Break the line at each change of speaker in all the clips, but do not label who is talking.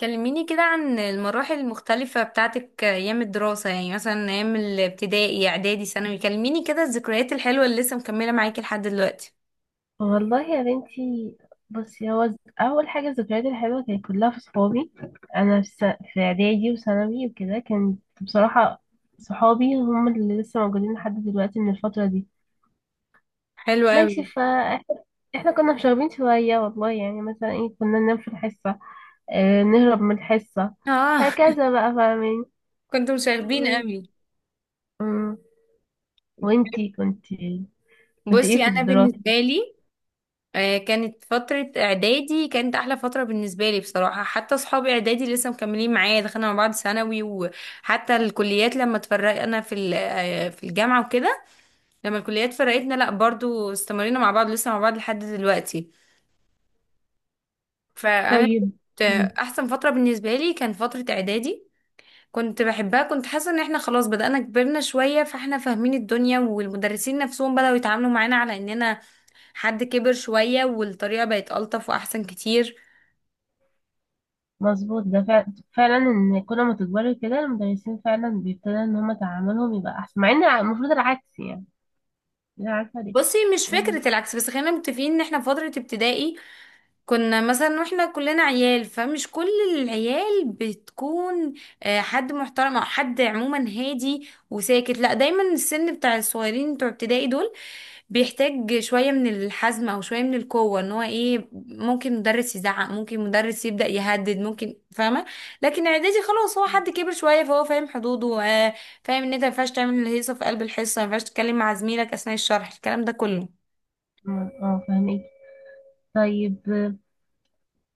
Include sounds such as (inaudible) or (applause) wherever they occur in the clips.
كلميني كده عن المراحل المختلفة بتاعتك أيام الدراسة، يعني مثلا أيام الابتدائي إعدادي ثانوي. كلميني كده الذكريات الحلوة اللي لسه مكملة معاكي لحد دلوقتي.
والله يا بنتي. بصي، هو اول حاجه الذكريات الحلوه كانت كلها في صحابي. انا في س- في اعدادي وثانوي وكده كانت بصراحه صحابي هم اللي لسه موجودين لحد دلوقتي من الفتره دي.
حلو قوي.
ماشي. احنا كنا مشاغبين شويه والله، يعني مثلا ايه كنا ننام في الحصه، اه نهرب من الحصه،
اه.
هكذا بقى، فاهمين.
(laughs) كنتوا مشاغبين
و-
قوي.
مم. وانتي كنتي كنت ايه
بصي،
في
أنا
الدراسه؟
بالنسبة لي، كانت فترة إعدادي كانت أحلى فترة بالنسبة لي بصراحة. حتى أصحابي إعدادي لسه مكملين معايا، دخلنا مع بعض ثانوي، وحتى الكليات لما اتفرقنا في ال- آه، في الجامعة وكده. لما الكليات فرقتنا، لأ برضو استمرينا مع بعض، لسه مع بعض لحد دلوقتي. فانا
طيب.
كنت احسن فتره بالنسبه لي كان فتره اعدادي. كنت بحبها، كنت حاسه ان احنا خلاص بدأنا كبرنا شويه، فاحنا فاهمين الدنيا، والمدرسين نفسهم بدأوا يتعاملوا معانا على اننا حد كبر شويه، والطريقه بقت ألطف واحسن كتير.
مظبوط، ده فعلا ان كل ما تكبري كده المدرسين فعلا بيبتدوا ان هما تعاملهم يبقى احسن، مع ان المفروض العكس يعني. انا عارفه ليه.
بصي، مش فكره العكس، بس خلينا متفقين ان احنا في فتره ابتدائي كنا مثلا، واحنا كلنا عيال، فمش كل العيال بتكون حد محترم، او حد عموما هادي وساكت، لا. دايما السن بتاع الصغيرين بتوع ابتدائي دول بيحتاج شوية من الحزم او شوية من القوة، ان هو ايه، ممكن مدرس يزعق، ممكن مدرس يبدأ يهدد، ممكن، فاهمة؟ لكن اعدادي خلاص، هو حد كبر شوية فهو فاهم حدوده. فاهم ان انت مينفعش تعمل الهيصة في قلب الحصة، مينفعش تتكلم مع زميلك اثناء الشرح، الكلام ده كله.
اه، فاهمك. طيب،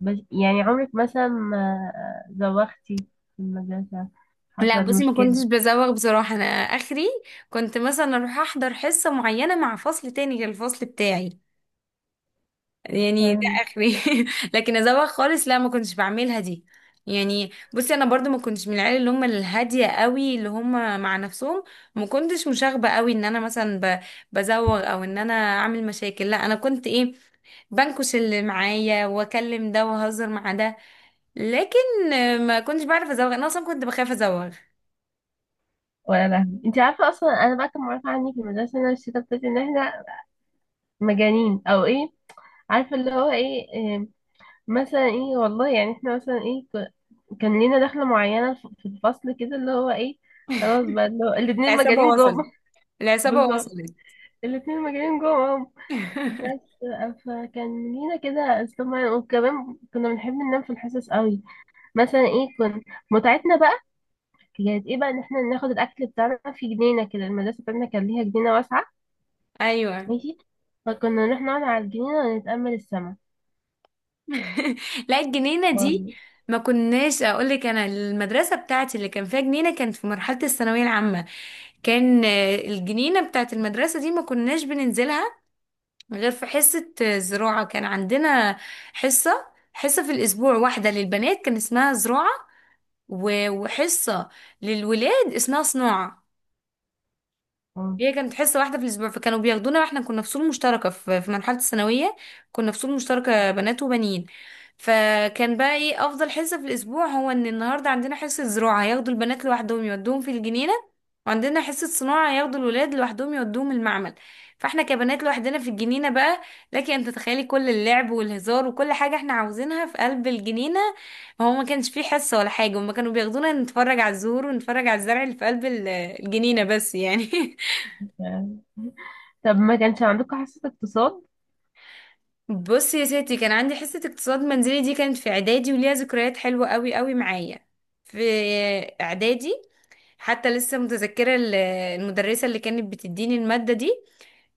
بس يعني عمرك مثلا ما زوختي في المدرسه،
لا،
حصل
بصي ما
مشكله؟
كنتش بزوغ بصراحة. انا اخري كنت مثلا اروح احضر حصة معينة مع فصل تاني غير الفصل بتاعي، يعني ده
فاهم.
اخري. (laughs) لكن ازوغ خالص، لا ما كنتش بعملها دي. يعني بصي، انا برضو ما كنتش من العيال اللي هم الهادية قوي، اللي هم مع نفسهم. ما كنتش مشاغبة قوي، ان انا مثلا بزوغ او ان انا اعمل مشاكل، لا. انا كنت ايه، بنكش اللي معايا واكلم ده واهزر مع ده. لكن ما كنتش بعرف ازوغ، انا اصلا كنت بخاف ازوغ.
ولا لا، انت عارفه اصلا انا بقى كان معروف عني في المدرسه ان انا الشتا بتاعتي ان احنا مجانين او ايه. عارفه اللي هو ايه، مثلا ايه والله، يعني احنا مثلا ايه، كان لينا دخلة معينة في الفصل كده اللي هو ايه، خلاص بقى اللي هو الاتنين
العصابة
مجانين جوه
وصلت،
(laughs)
العصابة
بالظبط،
وصلت.
الاتنين مجانين جوه. بس
(laughs)
آه، فكان لينا كده اسلوب. وكمان كنا بنحب ننام في الحصص قوي، مثلا ايه متعتنا بقى كانت ايه بقى، ان احنا ناخد الاكل بتاعنا في جنينة كده. المدرسة بتاعتنا كان ليها جنينة واسعة،
ايوه.
ماشي. فكنا نروح نقعد على الجنينة ونتأمل السما.
(laughs) لا، الجنينة دي،
والله.
ما كناش اقول لك، انا المدرسة بتاعتي اللي كان فيها جنينة كانت في مرحلة الثانوية العامة. كان الجنينة بتاعت المدرسة دي ما كناش بننزلها غير في حصة زراعة. كان عندنا حصة حصة في الأسبوع، واحدة للبنات كان اسمها زراعة، وحصة للولاد اسمها صناعة.
آه.
هي كانت حصة واحدة في الأسبوع، فكانوا بياخدونا واحنا كنا في فصول مشتركة، في مرحلة الثانوية كنا في فصول مشتركة بنات وبنين. فكان بقى ايه أفضل حصة في الأسبوع، هو إن النهاردة عندنا حصة زراعة، هياخدوا البنات لوحدهم يودوهم في الجنينة، وعندنا حصة صناعة ياخدوا الولاد لوحدهم يودوهم المعمل. فاحنا كبنات لوحدنا في الجنينة بقى. لكن انت تخيلي كل اللعب والهزار وكل حاجة احنا عاوزينها في قلب الجنينة. هو ما كانش فيه حصة ولا حاجة، هما كانوا بياخدونا نتفرج على الزهور ونتفرج على الزرع اللي في قلب الجنينة بس يعني. (laughs)
طب ما كانش عندكم حصة اقتصاد؟
بص يا ستي، كان عندي حصة اقتصاد منزلي، دي كانت في اعدادي وليها ذكريات حلوة قوي قوي معايا في اعدادي. حتى لسه متذكرة المدرسة اللي كانت بتديني المادة دي.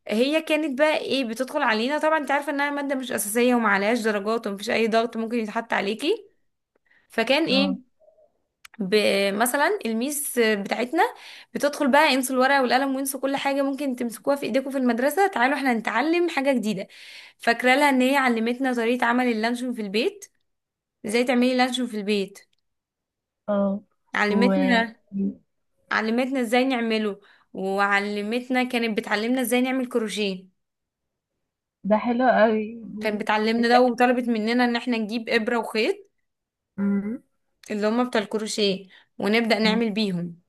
هي كانت بقى ايه، بتدخل علينا، طبعا انت عارفة انها مادة مش اساسية ومعلهاش درجات ومفيش اي ضغط ممكن يتحط عليكي. فكان
اه،
ايه، مثلا الميس بتاعتنا بتدخل بقى، انسوا الورقه والقلم وانسوا كل حاجه ممكن تمسكوها في ايديكم في المدرسه، تعالوا احنا نتعلم حاجه جديده. فاكره لها ان هي علمتنا طريقه عمل اللانشون في البيت. ازاي تعملي لانشون في البيت.
اه. و،
علمتنا علمتنا ازاي نعمله. وعلمتنا، كانت بتعلمنا ازاي نعمل كروشيه.
ده حلو قوي.
كانت بتعلمنا
انت.
ده وطلبت مننا ان احنا نجيب ابره وخيط،
مم.
اللي هما بتاع الكروشيه، ونبدا
مم.
نعمل بيهم.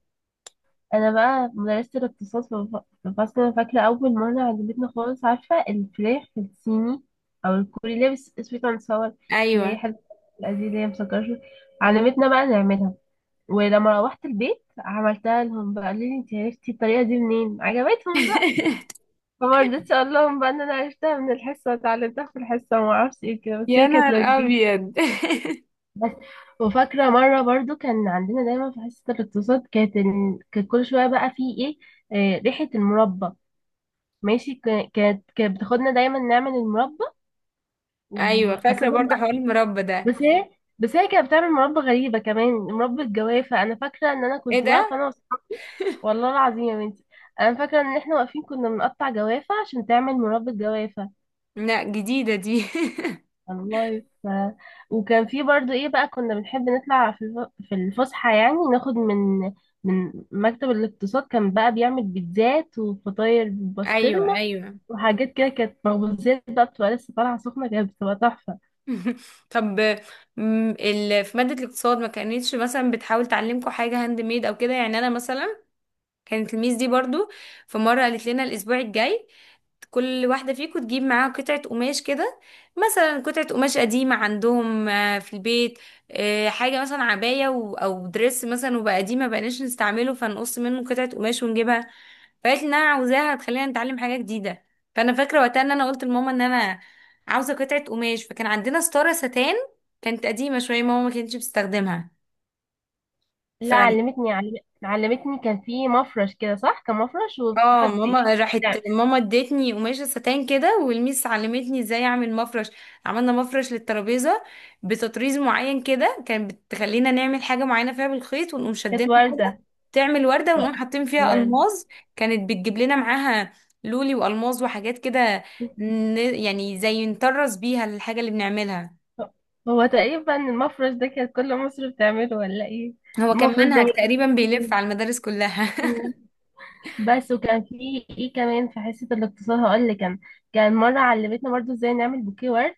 انا بقى مدرسة الاقتصاد في في فصل، أنا فاكرة اول مرة عجبتنا خالص، عارفة الفراخ في الصيني او الكوري اللي هي sweet and sour، اللي هي
ايوه.
حلوة، دي اللي هي مسكرة شوية. علمتنا بقى نعملها، ولما روحت البيت عملتها لهم بقى قالوا لي انت عرفتي الطريقة دي منين، عجبتهم بقى.
(laughs)
فما رضيتش اقول لهم بقى ان انا عرفتها من الحصة، اتعلمتها في الحصة وما اعرفش ايه كده، بس
يا
هي كانت
نهار
لذيذة.
ابيض. (laughs)
بس، وفاكرة مرة برضو كان عندنا دايما في حصة الاقتصاد كانت كانت كل شوية بقى في ايه، آه، ريحة المربى. ماشي، كانت بتاخدنا دايما نعمل المربى،
ايوه
وخاصة
فاكره برضه حوار
بقى،
المربى ده.
بس هي بس هي كانت بتعمل مربى غريبة كمان، مربى الجوافة، أنا فاكرة إن أنا
ايه
كنت
ده؟
واقفة أنا وأصحابي، والله العظيم يا بنتي، أنا فاكرة إن إحنا واقفين كنا بنقطع جوافة عشان تعمل مربى الجوافة.
لا جديده دي.
والله ف... وكان في برضو ايه بقى، كنا بنحب نطلع في في الفسحة، يعني ناخد من من مكتب الاقتصاد، كان بقى بيعمل بيتزات وفطاير
(laughs) ايوه
بالبسطرمة
ايوه.
وحاجات كده، كانت مخبوزات بقى بتبقى لسه طالعة سخنة، كانت بتبقى تحفة.
(laughs) طب، في ماده الاقتصاد ما كانتش مثلا بتحاول تعلمكم حاجه هاند ميد او كده يعني. انا مثلا كانت الميس دي برضو، في مره قالت لنا الاسبوع الجاي كل واحدة فيكم تجيب معاها قطعة قماش كده، مثلا قطعة قماش قديمة عندهم في البيت. حاجة مثلا عباية أو دريس مثلا، وبقى قديم ما بقناش نستعمله، فنقص منه قطعة قماش ونجيبها. فقالت لي إن أنا عاوزاها هتخلينا نتعلم حاجة جديدة. فأنا فاكرة وقتها إن أنا قلت لماما إن أنا عاوزة قطعة قماش، فكان عندنا ستارة ستان كانت قديمة شوية ماما ما كانتش بتستخدمها. ف
لا علمتني علم... علمتني كان في مفرش كده، صح، كان مفرش
اه
وبتحطي
ماما راحت
يعني
ماما ادتني قماشة ستان كده، والميس علمتني ازاي اعمل مفرش. عملنا مفرش للترابيزة بتطريز معين كده، كانت بتخلينا نعمل حاجة معينة فيها بالخيط ونقوم
كانت
شدينها كده،
وردة،
تعمل وردة
و...
ونقوم حاطين فيها
وردة.
ألماظ. كانت بتجيب لنا معاها لولي وألماظ وحاجات كده، يعني زي نطرز بيها الحاجة اللي بنعملها.
هو تقريبا المفرش ده كانت كل مصر بتعمله ولا ايه؟
هو كان
المفرش ده.
منهج تقريبا بيلف على المدارس كلها.
برضه، بس وكان في ايه كمان في حصة الاقتصاد هقول لك، كان كان مرة علمتنا برضو ازاي نعمل بوكيه ورد،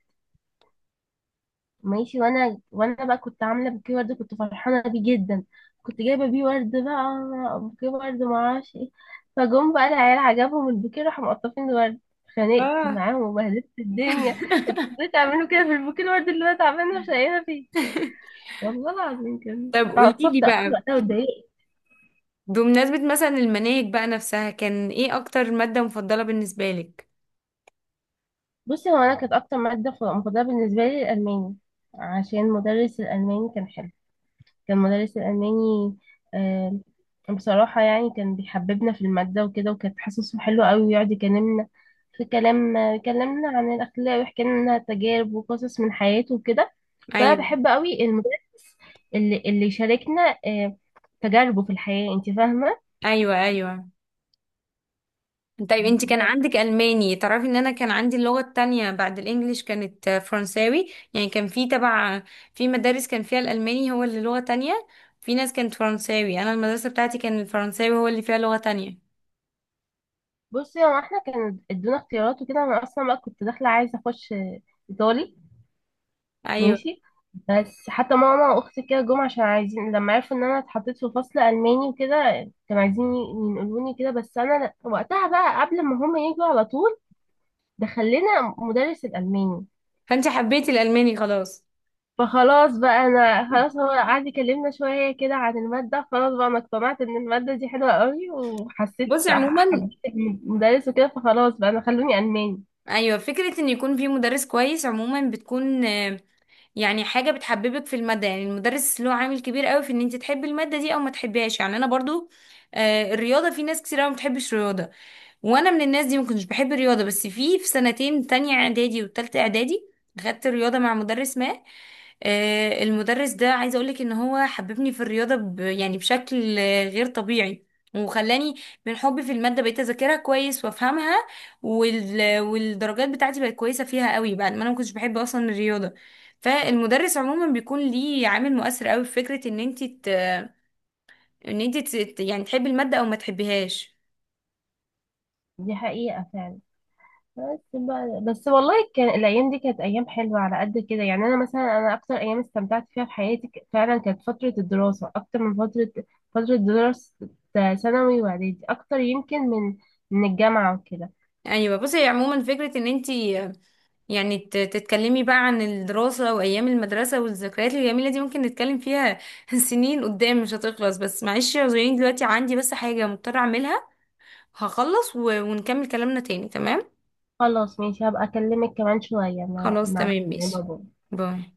ماشي. وانا بقى كنت عاملة بوكيه ورد كنت فرحانة بيه جدا، كنت جايبة بيه ورد بقى بوكيه ورد معرفش ايه، فجم بقى العيال عجبهم البوكيه راحوا مقطفين الورد،
(laughs)
اتخانقت
اه.
معاهم وبهدلت الدنيا. انتوا
(laughs)
ازاي تعملوا كده في البوكيه الورد اللي انا تعبانة مش لاقيها فيه؟ والله العظيم كان
طب قولي لي
اتعصبت أوي
بقى،
وقتها واتضايقت.
بمناسبة مثلا المناهج بقى نفسها، كان ايه اكتر مادة مفضلة بالنسبة لك؟
بصي هو انا كانت اكتر ماده مفضله بالنسبه لي الالماني، عشان مدرس الالماني كان حلو. كان مدرس الالماني، آه، بصراحه يعني كان بيحببنا في الماده وكده، وكانت حصصه حلوه قوي، ويقعد يكلمنا في كلام، يكلمنا عن الاخلاق ويحكي لنا تجارب وقصص من حياته وكده. فانا
ايوه
بحب قوي المدرس اللي شاركنا آه تجاربه في الحياه، انت فاهمه.
ايوه ايوه. طيب، انت كان
بس
عندك الماني؟ تعرفي ان انا كان عندي اللغة التانية بعد الانجليش كانت فرنساوي. يعني كان في تبع، في مدارس كان فيها الالماني هو اللي لغة تانية، في ناس كانت فرنساوي. انا المدرسة بتاعتي كان الفرنساوي هو اللي فيها لغة تانية.
بصي، هو احنا كان ادونا اختيارات وكده، انا اصلا بقى كنت داخله عايزه اخش آه، ايطالي،
ايوه،
ماشي. بس حتى ماما واختي كده جم عشان عايزين، لما عرفوا ان انا اتحطيت في فصل الماني وكده كانوا عايزين ينقلوني كده، بس انا وقتها بقى قبل ما هم يجوا على طول دخلنا مدرس الالماني.
فانت حبيتي الالماني خلاص.
فخلاص بقى انا خلاص، هو قعد يكلمنا شويه كده عن الماده، خلاص بقى انا اقتنعت ان الماده دي حلوه قوي، وحسيت
بصي عموما،
حبيت المدرس وكده، فخلاص بقى انا خلوني الماني.
ايوه فكرة ان يكون في مدرس كويس عموما بتكون، يعني حاجة بتحببك في المادة، يعني المدرس له عامل كبير قوي في ان انت تحبي المادة دي او ما تحبيهاش. يعني انا برضو الرياضة، في ناس كتير قوي ما بتحبش الرياضة، وانا من الناس دي ما كنتش بحب الرياضه. بس في سنتين تانية اعدادي وتالتة اعدادي، خدت رياضه مع مدرس ما. المدرس ده عايزه اقولك ان هو حببني في الرياضه يعني بشكل غير طبيعي. وخلاني من حبي في الماده بقيت اذاكرها كويس وافهمها. والدرجات بتاعتي بقت كويسه فيها قوي بعد ما انا ما كنتش بحب اصلا الرياضه. فالمدرس عموما بيكون ليه عامل مؤثر قوي في فكره ان انت يعني تحبي الماده او ما تحبيهاش.
دي حقيقه فعلا. بس بقى، بس والله كان الايام دي كانت ايام حلوه على قد كده، يعني انا مثلا انا اكتر ايام استمتعت فيها في حياتي فعلا كانت فتره الدراسه اكتر من فتره، فتره دراسه ثانوي واعدادي اكتر يمكن من من الجامعه وكده.
ايوه، بصي عموما فكره ان انت، يعني تتكلمي بقى عن الدراسه وايام المدرسه والذكريات الجميله دي، ممكن نتكلم فيها (laughs) سنين قدام مش هتخلص. بس معلش يا زوين، دلوقتي عندي بس حاجه مضطره اعملها، هخلص ونكمل كلامنا تاني، تمام؟
خلاص ماشي، هبقى اكلمك كمان شويه مع
خلاص تمام ماشي.
بابا.
باي.